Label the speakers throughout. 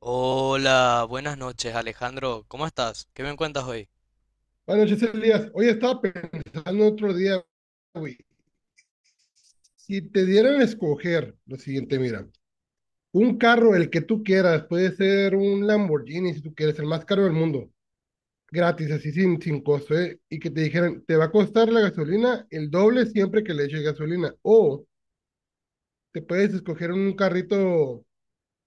Speaker 1: Hola, buenas noches, Alejandro, ¿cómo estás? ¿Qué me cuentas hoy?
Speaker 2: Buenas noches, Elías. Hoy estaba pensando otro día, güey. Si te dieran a escoger lo siguiente, mira, un carro, el que tú quieras, puede ser un Lamborghini, si tú quieres, el más caro del mundo, gratis, así sin costo, ¿eh? Y que te dijeran, te va a costar la gasolina el doble siempre que le eches gasolina. O te puedes escoger un carrito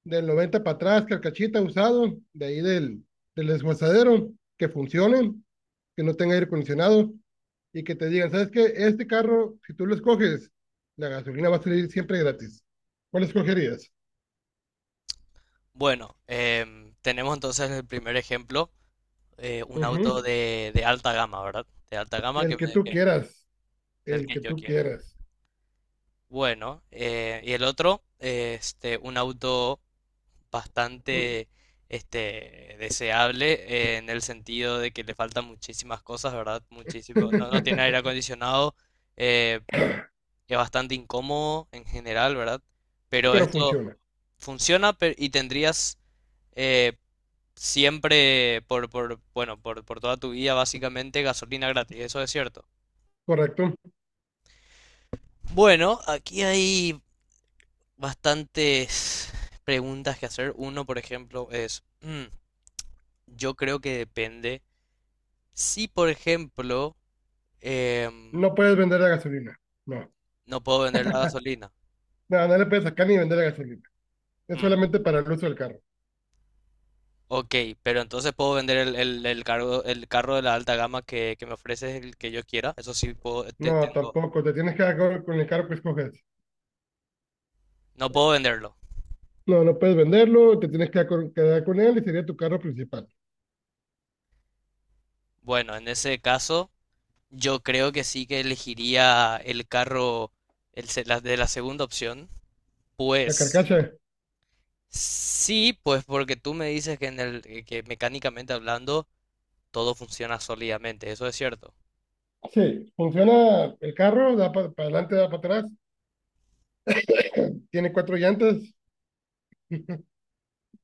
Speaker 2: del 90 para atrás, carcachita usado, de ahí del desguazadero, que funcionen, que no tenga aire acondicionado y que te digan, ¿sabes qué? Este carro, si tú lo escoges, la gasolina va a salir siempre gratis. ¿Cuál escogerías?
Speaker 1: Bueno, tenemos entonces el primer ejemplo, un auto
Speaker 2: Ujú.
Speaker 1: de alta gama, ¿verdad? De alta gama
Speaker 2: El que tú quieras,
Speaker 1: del
Speaker 2: el
Speaker 1: que
Speaker 2: que
Speaker 1: yo
Speaker 2: tú
Speaker 1: quiera.
Speaker 2: quieras.
Speaker 1: Bueno, y el otro, un auto bastante deseable, en el sentido de que le faltan muchísimas cosas, ¿verdad? Muchísimo, no tiene aire acondicionado, eh, es bastante incómodo en general, ¿verdad? Pero
Speaker 2: Pero
Speaker 1: esto...
Speaker 2: funciona,
Speaker 1: Funciona y tendrías, eh, siempre bueno, por toda tu vida básicamente gasolina gratis, eso es cierto.
Speaker 2: correcto.
Speaker 1: Bueno, aquí hay bastantes preguntas que hacer. Uno, por ejemplo, es, yo creo que depende. Si, por ejemplo, em,
Speaker 2: No puedes vender la gasolina, no.
Speaker 1: no puedo vender la gasolina.
Speaker 2: No, no le puedes sacar ni vender la gasolina. Es
Speaker 1: Mm,
Speaker 2: solamente para el uso del carro.
Speaker 1: ok, pero entonces puedo vender el carro de la alta gama que me ofreces el que yo quiera. Eso sí puedo,
Speaker 2: No,
Speaker 1: tengo...
Speaker 2: tampoco. Te tienes que quedar con el carro que escoges.
Speaker 1: No puedo venderlo.
Speaker 2: No, no puedes venderlo, te tienes que quedar con él y sería tu carro principal.
Speaker 1: Bueno, en ese caso, yo creo que sí que elegiría el carro, de la segunda opción.
Speaker 2: La
Speaker 1: Pues
Speaker 2: carcacha.
Speaker 1: sí, pues porque tú me dices que, que mecánicamente hablando todo funciona sólidamente, eso es cierto.
Speaker 2: Sí, funciona el carro, da para adelante, da para atrás, tiene cuatro llantas,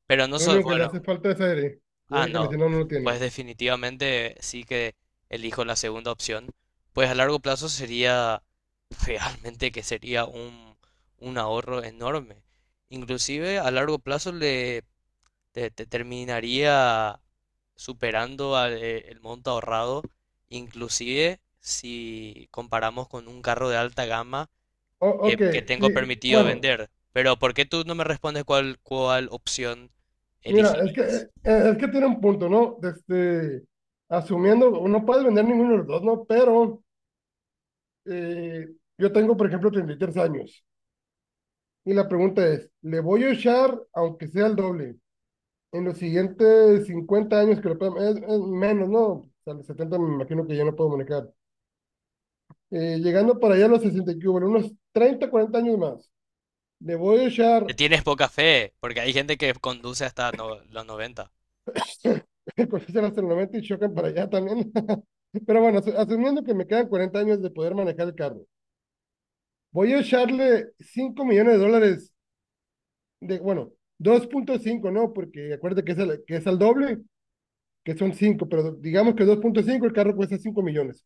Speaker 1: Pero no
Speaker 2: lo
Speaker 1: soy
Speaker 2: único que le
Speaker 1: bueno.
Speaker 2: hace falta es aire, el
Speaker 1: Ah,
Speaker 2: aire
Speaker 1: no.
Speaker 2: acondicionado no lo
Speaker 1: Pues
Speaker 2: tiene.
Speaker 1: definitivamente sí que elijo la segunda opción. Pues a largo plazo sería realmente que sería un ahorro enorme. Inclusive a largo plazo te terminaría superando el monto ahorrado, inclusive si comparamos con un carro de alta gama
Speaker 2: Ok.
Speaker 1: que tengo
Speaker 2: Y,
Speaker 1: permitido
Speaker 2: bueno,
Speaker 1: vender. Pero ¿por qué tú no me respondes cuál opción
Speaker 2: mira,
Speaker 1: elegirías?
Speaker 2: es que tiene un punto, ¿no? Este, asumiendo, no puedes vender ninguno de los dos, ¿no? Pero eh, yo tengo, por ejemplo, 33 años y la pregunta es, ¿le voy a echar aunque sea el doble? En los siguientes 50 años, es menos, ¿no? A los 70 me imagino que ya no puedo manejar. Llegando para allá a los 60 y que hubo, en unos 30 40 años más, le voy a echar
Speaker 1: Te tienes poca fe, porque hay gente que conduce hasta los 90.
Speaker 2: cosas hasta el 90 y chocan para allá también. Pero bueno, asumiendo que me quedan 40 años de poder manejar el carro, voy a echarle $5 millones, bueno, 2.5, ¿no? Porque acuérdate que que es al doble, que son 5 pero digamos que 2.5 el carro cuesta 5 millones.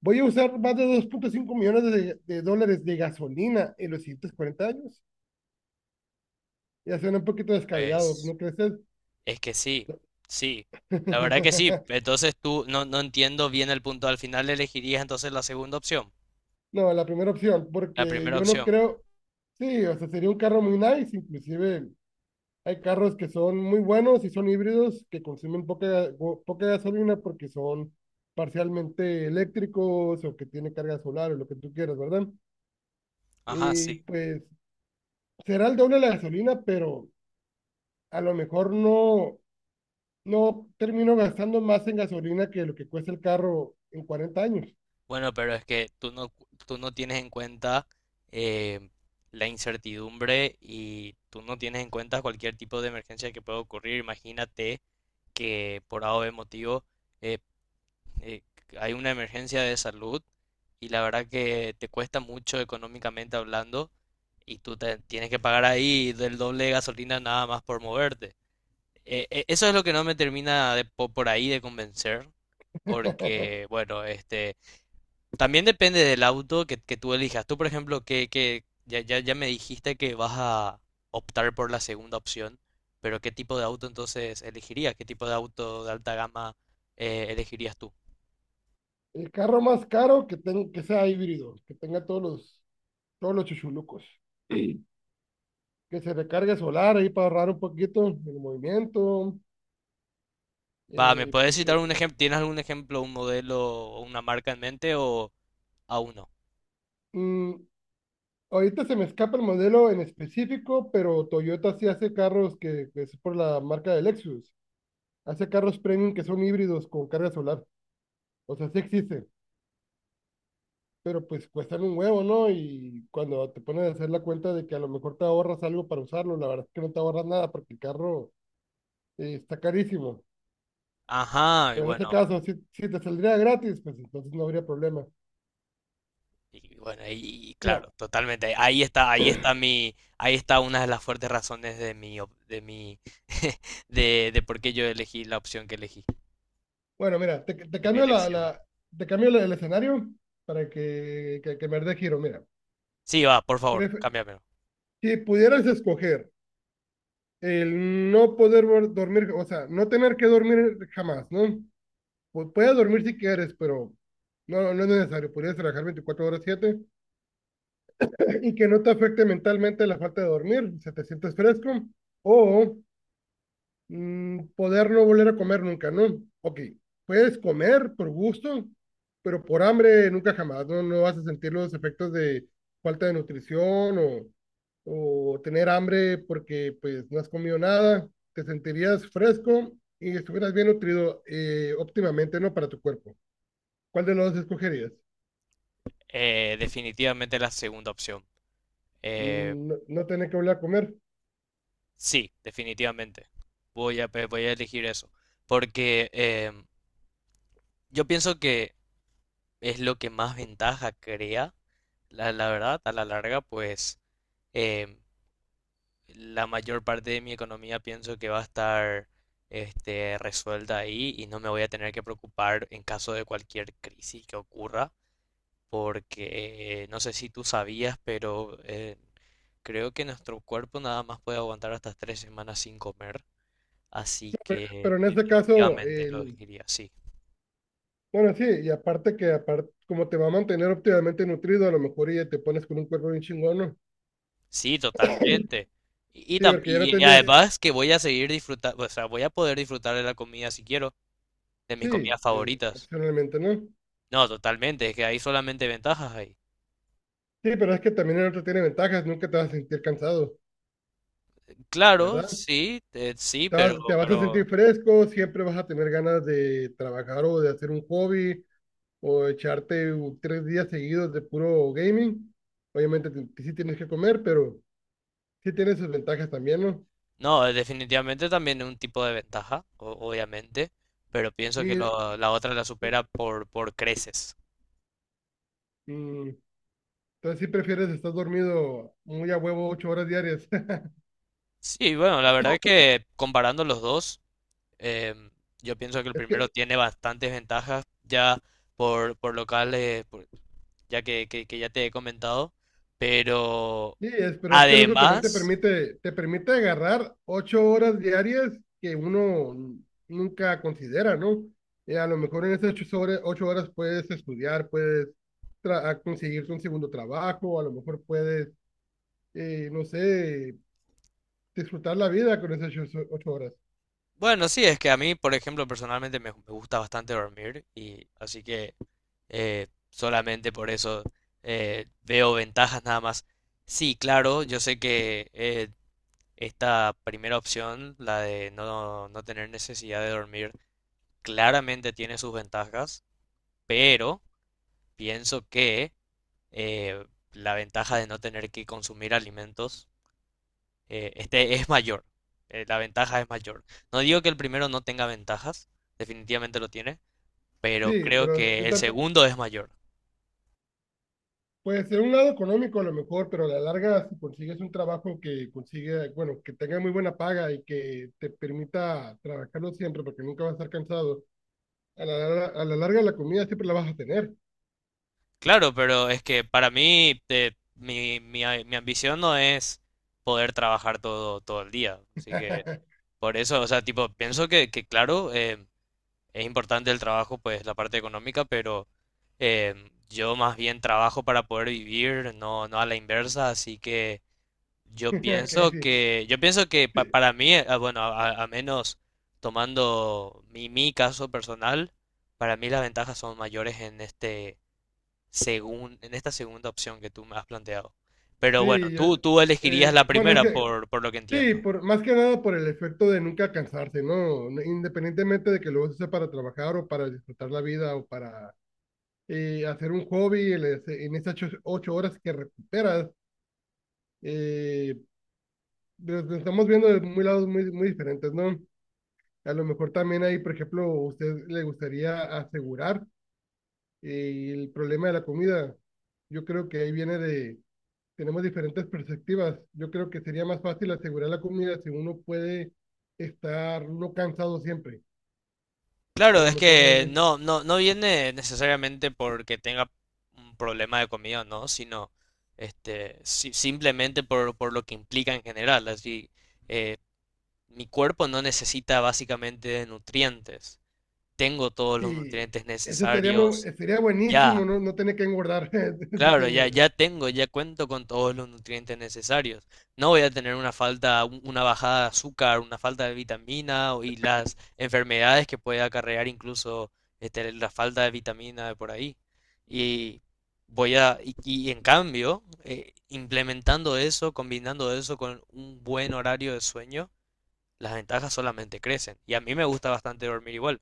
Speaker 2: Voy a usar más de 2.5 millones de, dólares de gasolina en los siguientes 40 años. Ya suena un poquito descabellado,
Speaker 1: Pues
Speaker 2: ¿no crees?
Speaker 1: es que sí, sí. La verdad que sí. Entonces tú no, no entiendo bien el punto. Al final elegirías entonces la segunda opción,
Speaker 2: No, la primera opción,
Speaker 1: la
Speaker 2: porque
Speaker 1: primera
Speaker 2: yo no
Speaker 1: opción.
Speaker 2: creo, sí, o sea, sería un carro muy nice, inclusive hay carros que son muy buenos y son híbridos que consumen poca, poca gasolina porque son parcialmente eléctricos o que tienen carga solar o lo que tú quieras, ¿verdad?
Speaker 1: Ajá,
Speaker 2: Y
Speaker 1: sí.
Speaker 2: pues será el doble de la gasolina, pero a lo mejor no, no termino gastando más en gasolina que lo que cuesta el carro en 40 años.
Speaker 1: Bueno, pero es que tú no tienes en cuenta, eh, la incertidumbre, y tú no tienes en cuenta cualquier tipo de emergencia que pueda ocurrir. Imagínate que por A o B motivo, eh, eh, hay una emergencia de salud y la verdad que te cuesta mucho económicamente hablando, y tienes que pagar ahí del doble de gasolina nada más por moverte. Eso es lo que no me termina por ahí de convencer porque, bueno, este... También depende del auto que tú elijas. Tú, por ejemplo, que ya me dijiste que vas a optar por la segunda opción, pero ¿qué tipo de auto entonces elegirías? ¿Qué tipo de auto de alta gama, elegirías tú?
Speaker 2: El carro más caro que, que sea híbrido, que tenga todos los chuchulucos. Que se recargue solar ahí para ahorrar un poquito el movimiento.
Speaker 1: Va, ¿me
Speaker 2: eh,
Speaker 1: puedes
Speaker 2: pues
Speaker 1: citar
Speaker 2: que-
Speaker 1: un
Speaker 2: que-
Speaker 1: ejemplo? ¿Tienes algún ejemplo, un modelo o una marca en mente o aún no?
Speaker 2: mm, Ahorita se me escapa el modelo en específico, pero Toyota sí hace carros que es por la marca de Lexus. Hace carros premium que son híbridos con carga solar. O sea, sí existe. Pero pues cuestan un huevo, ¿no? Y cuando te pones a hacer la cuenta de que a lo mejor te ahorras algo para usarlo, la verdad es que no te ahorras nada porque el carro está carísimo.
Speaker 1: Ajá, y
Speaker 2: Pero en este
Speaker 1: bueno,
Speaker 2: caso, si te saldría gratis, pues entonces no habría problema.
Speaker 1: y
Speaker 2: Mira,
Speaker 1: claro, totalmente. Ahí está, ahí está una de las fuertes razones de mi de por qué yo elegí la opción que elegí.
Speaker 2: bueno, mira, te
Speaker 1: De mi
Speaker 2: cambio la,
Speaker 1: elección.
Speaker 2: la- te cambio la- el escenario para que me dé giro, mira.
Speaker 1: Sí, va, por favor,
Speaker 2: Pref-
Speaker 1: cámbiamelo.
Speaker 2: si pudieras escoger el no poder dormir, o sea, no tener que dormir jamás, ¿no? Puedes dormir si quieres, pero no, no es necesario. Podrías trabajar 24/7. Y que no te afecte mentalmente la falta de dormir, se te sientes fresco, o poder no volver a comer nunca, ¿no? Ok, puedes comer por gusto, pero por hambre nunca jamás, ¿no? No vas a sentir los efectos de falta de nutrición o tener hambre porque pues no has comido nada, te sentirías fresco y estuvieras bien nutrido, óptimamente, ¿no? Para tu cuerpo. ¿Cuál de los dos escogerías?
Speaker 1: Definitivamente la segunda opción. Eh,
Speaker 2: No, no tener que volver a comer,
Speaker 1: sí, definitivamente. Voy a elegir eso. Porque yo pienso que es lo que más ventaja crea, la verdad, a la larga, pues, eh, la mayor parte de mi economía pienso que va a estar, resuelta ahí, y no me voy a tener que preocupar en caso de cualquier crisis que ocurra. Porque no sé si tú sabías, pero creo que nuestro cuerpo nada más puede aguantar hasta 3 semanas sin comer, así que
Speaker 2: pero en este caso
Speaker 1: definitivamente lo
Speaker 2: el
Speaker 1: diría, sí.
Speaker 2: bueno, sí, y aparte que aparte, como te va a mantener óptimamente nutrido, a lo mejor y ya te pones con un cuerpo bien chingón, ¿no?
Speaker 1: Sí, totalmente.
Speaker 2: Sí, porque ya no
Speaker 1: Y
Speaker 2: tendrías,
Speaker 1: además que voy a seguir disfrutando, o sea, voy a poder disfrutar de la comida si quiero, de mis
Speaker 2: sí,
Speaker 1: comidas favoritas.
Speaker 2: opcionalmente, ¿no?
Speaker 1: No, totalmente, es que hay solamente ventajas ahí.
Speaker 2: Sí, pero es que también el otro tiene ventajas, nunca te vas a sentir cansado,
Speaker 1: Claro,
Speaker 2: ¿verdad?
Speaker 1: sí, sí,
Speaker 2: Te vas, te vas a
Speaker 1: pero
Speaker 2: sentir fresco, siempre vas a tener ganas de trabajar o de hacer un hobby o echarte 3 días seguidos de puro gaming. Obviamente sí tienes que comer, pero sí tiene sus ventajas también, ¿no?
Speaker 1: no, definitivamente también es un tipo de ventaja, obviamente, pero pienso que
Speaker 2: Y,
Speaker 1: la otra la supera
Speaker 2: y-
Speaker 1: por creces.
Speaker 2: mm, Entonces, si prefieres, estás dormido muy a huevo 8 horas diarias.
Speaker 1: Sí, bueno, la verdad es que comparando los dos, em, yo pienso que el
Speaker 2: Es
Speaker 1: primero
Speaker 2: que,
Speaker 1: tiene bastantes ventajas ya por locales, por- ya que ya te he comentado, pero
Speaker 2: sí, es, pero es que el otro también
Speaker 1: además,
Speaker 2: te permite agarrar 8 horas diarias que uno nunca considera, ¿no? Y a lo mejor en esas 8 horas, ocho horas puedes estudiar, puedes tra- a conseguirte un segundo trabajo, a lo mejor puedes, no sé, disfrutar la vida con esas 8 horas.
Speaker 1: bueno, sí, es que a mí, por ejemplo, personalmente me gusta bastante dormir, y así que solamente por eso veo ventajas nada más. Sí, claro, yo sé que esta primera opción, la de no tener necesidad de dormir, claramente tiene sus ventajas, pero pienso que eh, la ventaja de no tener que consumir alimentos, es mayor, la ventaja es mayor. No digo que el primero no tenga ventajas, definitivamente lo tiene, pero
Speaker 2: Sí,
Speaker 1: creo
Speaker 2: pero
Speaker 1: que
Speaker 2: yo,
Speaker 1: el segundo es mayor.
Speaker 2: pues en un lado económico a lo mejor, pero a la larga, si consigues un trabajo que consigue, bueno, que tenga muy buena paga y que te permita trabajarlo siempre porque nunca vas a estar cansado, a a la larga la comida siempre la vas a tener.
Speaker 1: Claro, pero es que para mí mi ambición no es poder trabajar todo, todo el día, así que por eso, o sea, tipo, pienso que claro, es importante el trabajo, pues la parte económica, pero yo más bien trabajo para poder vivir, no a la inversa, así que yo
Speaker 2: Ok,
Speaker 1: pienso
Speaker 2: sí.
Speaker 1: que, yo pienso que
Speaker 2: Sí,
Speaker 1: para mí, bueno, a menos, tomando mi caso personal, para mí las ventajas son mayores en este en esta segunda opción que tú me has planteado. Pero bueno,
Speaker 2: sí,
Speaker 1: tú elegirías la
Speaker 2: bueno, es
Speaker 1: primera
Speaker 2: que
Speaker 1: por lo que
Speaker 2: sí,
Speaker 1: entiendo.
Speaker 2: por, más que nada por el efecto de nunca cansarse, ¿no? No, independientemente de que lo uses para trabajar o para disfrutar la vida o para hacer un hobby en esas 8 horas que recuperas, eh, lo estamos viendo de muy lados muy, muy diferentes, ¿no? A lo mejor también ahí, por ejemplo, a usted le gustaría asegurar el problema de la comida. Yo creo que ahí viene de, tenemos diferentes perspectivas. Yo creo que sería más fácil asegurar la comida si uno puede estar no cansado siempre. A
Speaker 1: Claro,
Speaker 2: lo
Speaker 1: es
Speaker 2: mejor
Speaker 1: que
Speaker 2: ahí,
Speaker 1: no viene necesariamente porque tenga un problema de comida, ¿no? Sino simplemente por lo que implica en general. Así, mi cuerpo no necesita básicamente nutrientes. Tengo todos los
Speaker 2: sí,
Speaker 1: nutrientes
Speaker 2: ese estaría,
Speaker 1: necesarios
Speaker 2: sería buenísimo,
Speaker 1: ya.
Speaker 2: ¿no? No tener que engordar, si
Speaker 1: Claro,
Speaker 2: tienes.
Speaker 1: ya cuento con todos los nutrientes necesarios. No voy a tener una falta, una bajada de azúcar, una falta de vitamina y las enfermedades que puede acarrear incluso, la falta de vitamina de por ahí. Y voy a, y en cambio, implementando eso, combinando eso con un buen horario de sueño, las ventajas solamente crecen. Y a mí me gusta bastante dormir igual.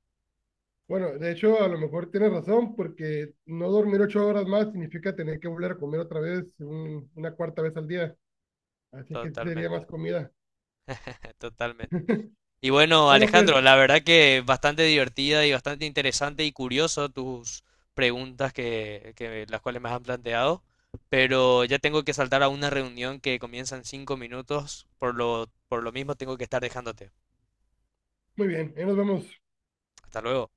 Speaker 2: Bueno, de hecho, a lo mejor tienes razón, porque no dormir 8 horas más significa tener que volver a comer otra vez, una cuarta vez al día. Así que sí sería
Speaker 1: Totalmente,
Speaker 2: más comida.
Speaker 1: totalmente. Y bueno,
Speaker 2: Bueno, pues,
Speaker 1: Alejandro, la verdad que bastante divertida y bastante interesante y curioso tus preguntas que las cuales me han planteado, pero ya tengo que saltar a una reunión que comienza en 5 minutos, por lo mismo tengo que estar dejándote.
Speaker 2: muy bien, ahí nos vemos.
Speaker 1: Hasta luego.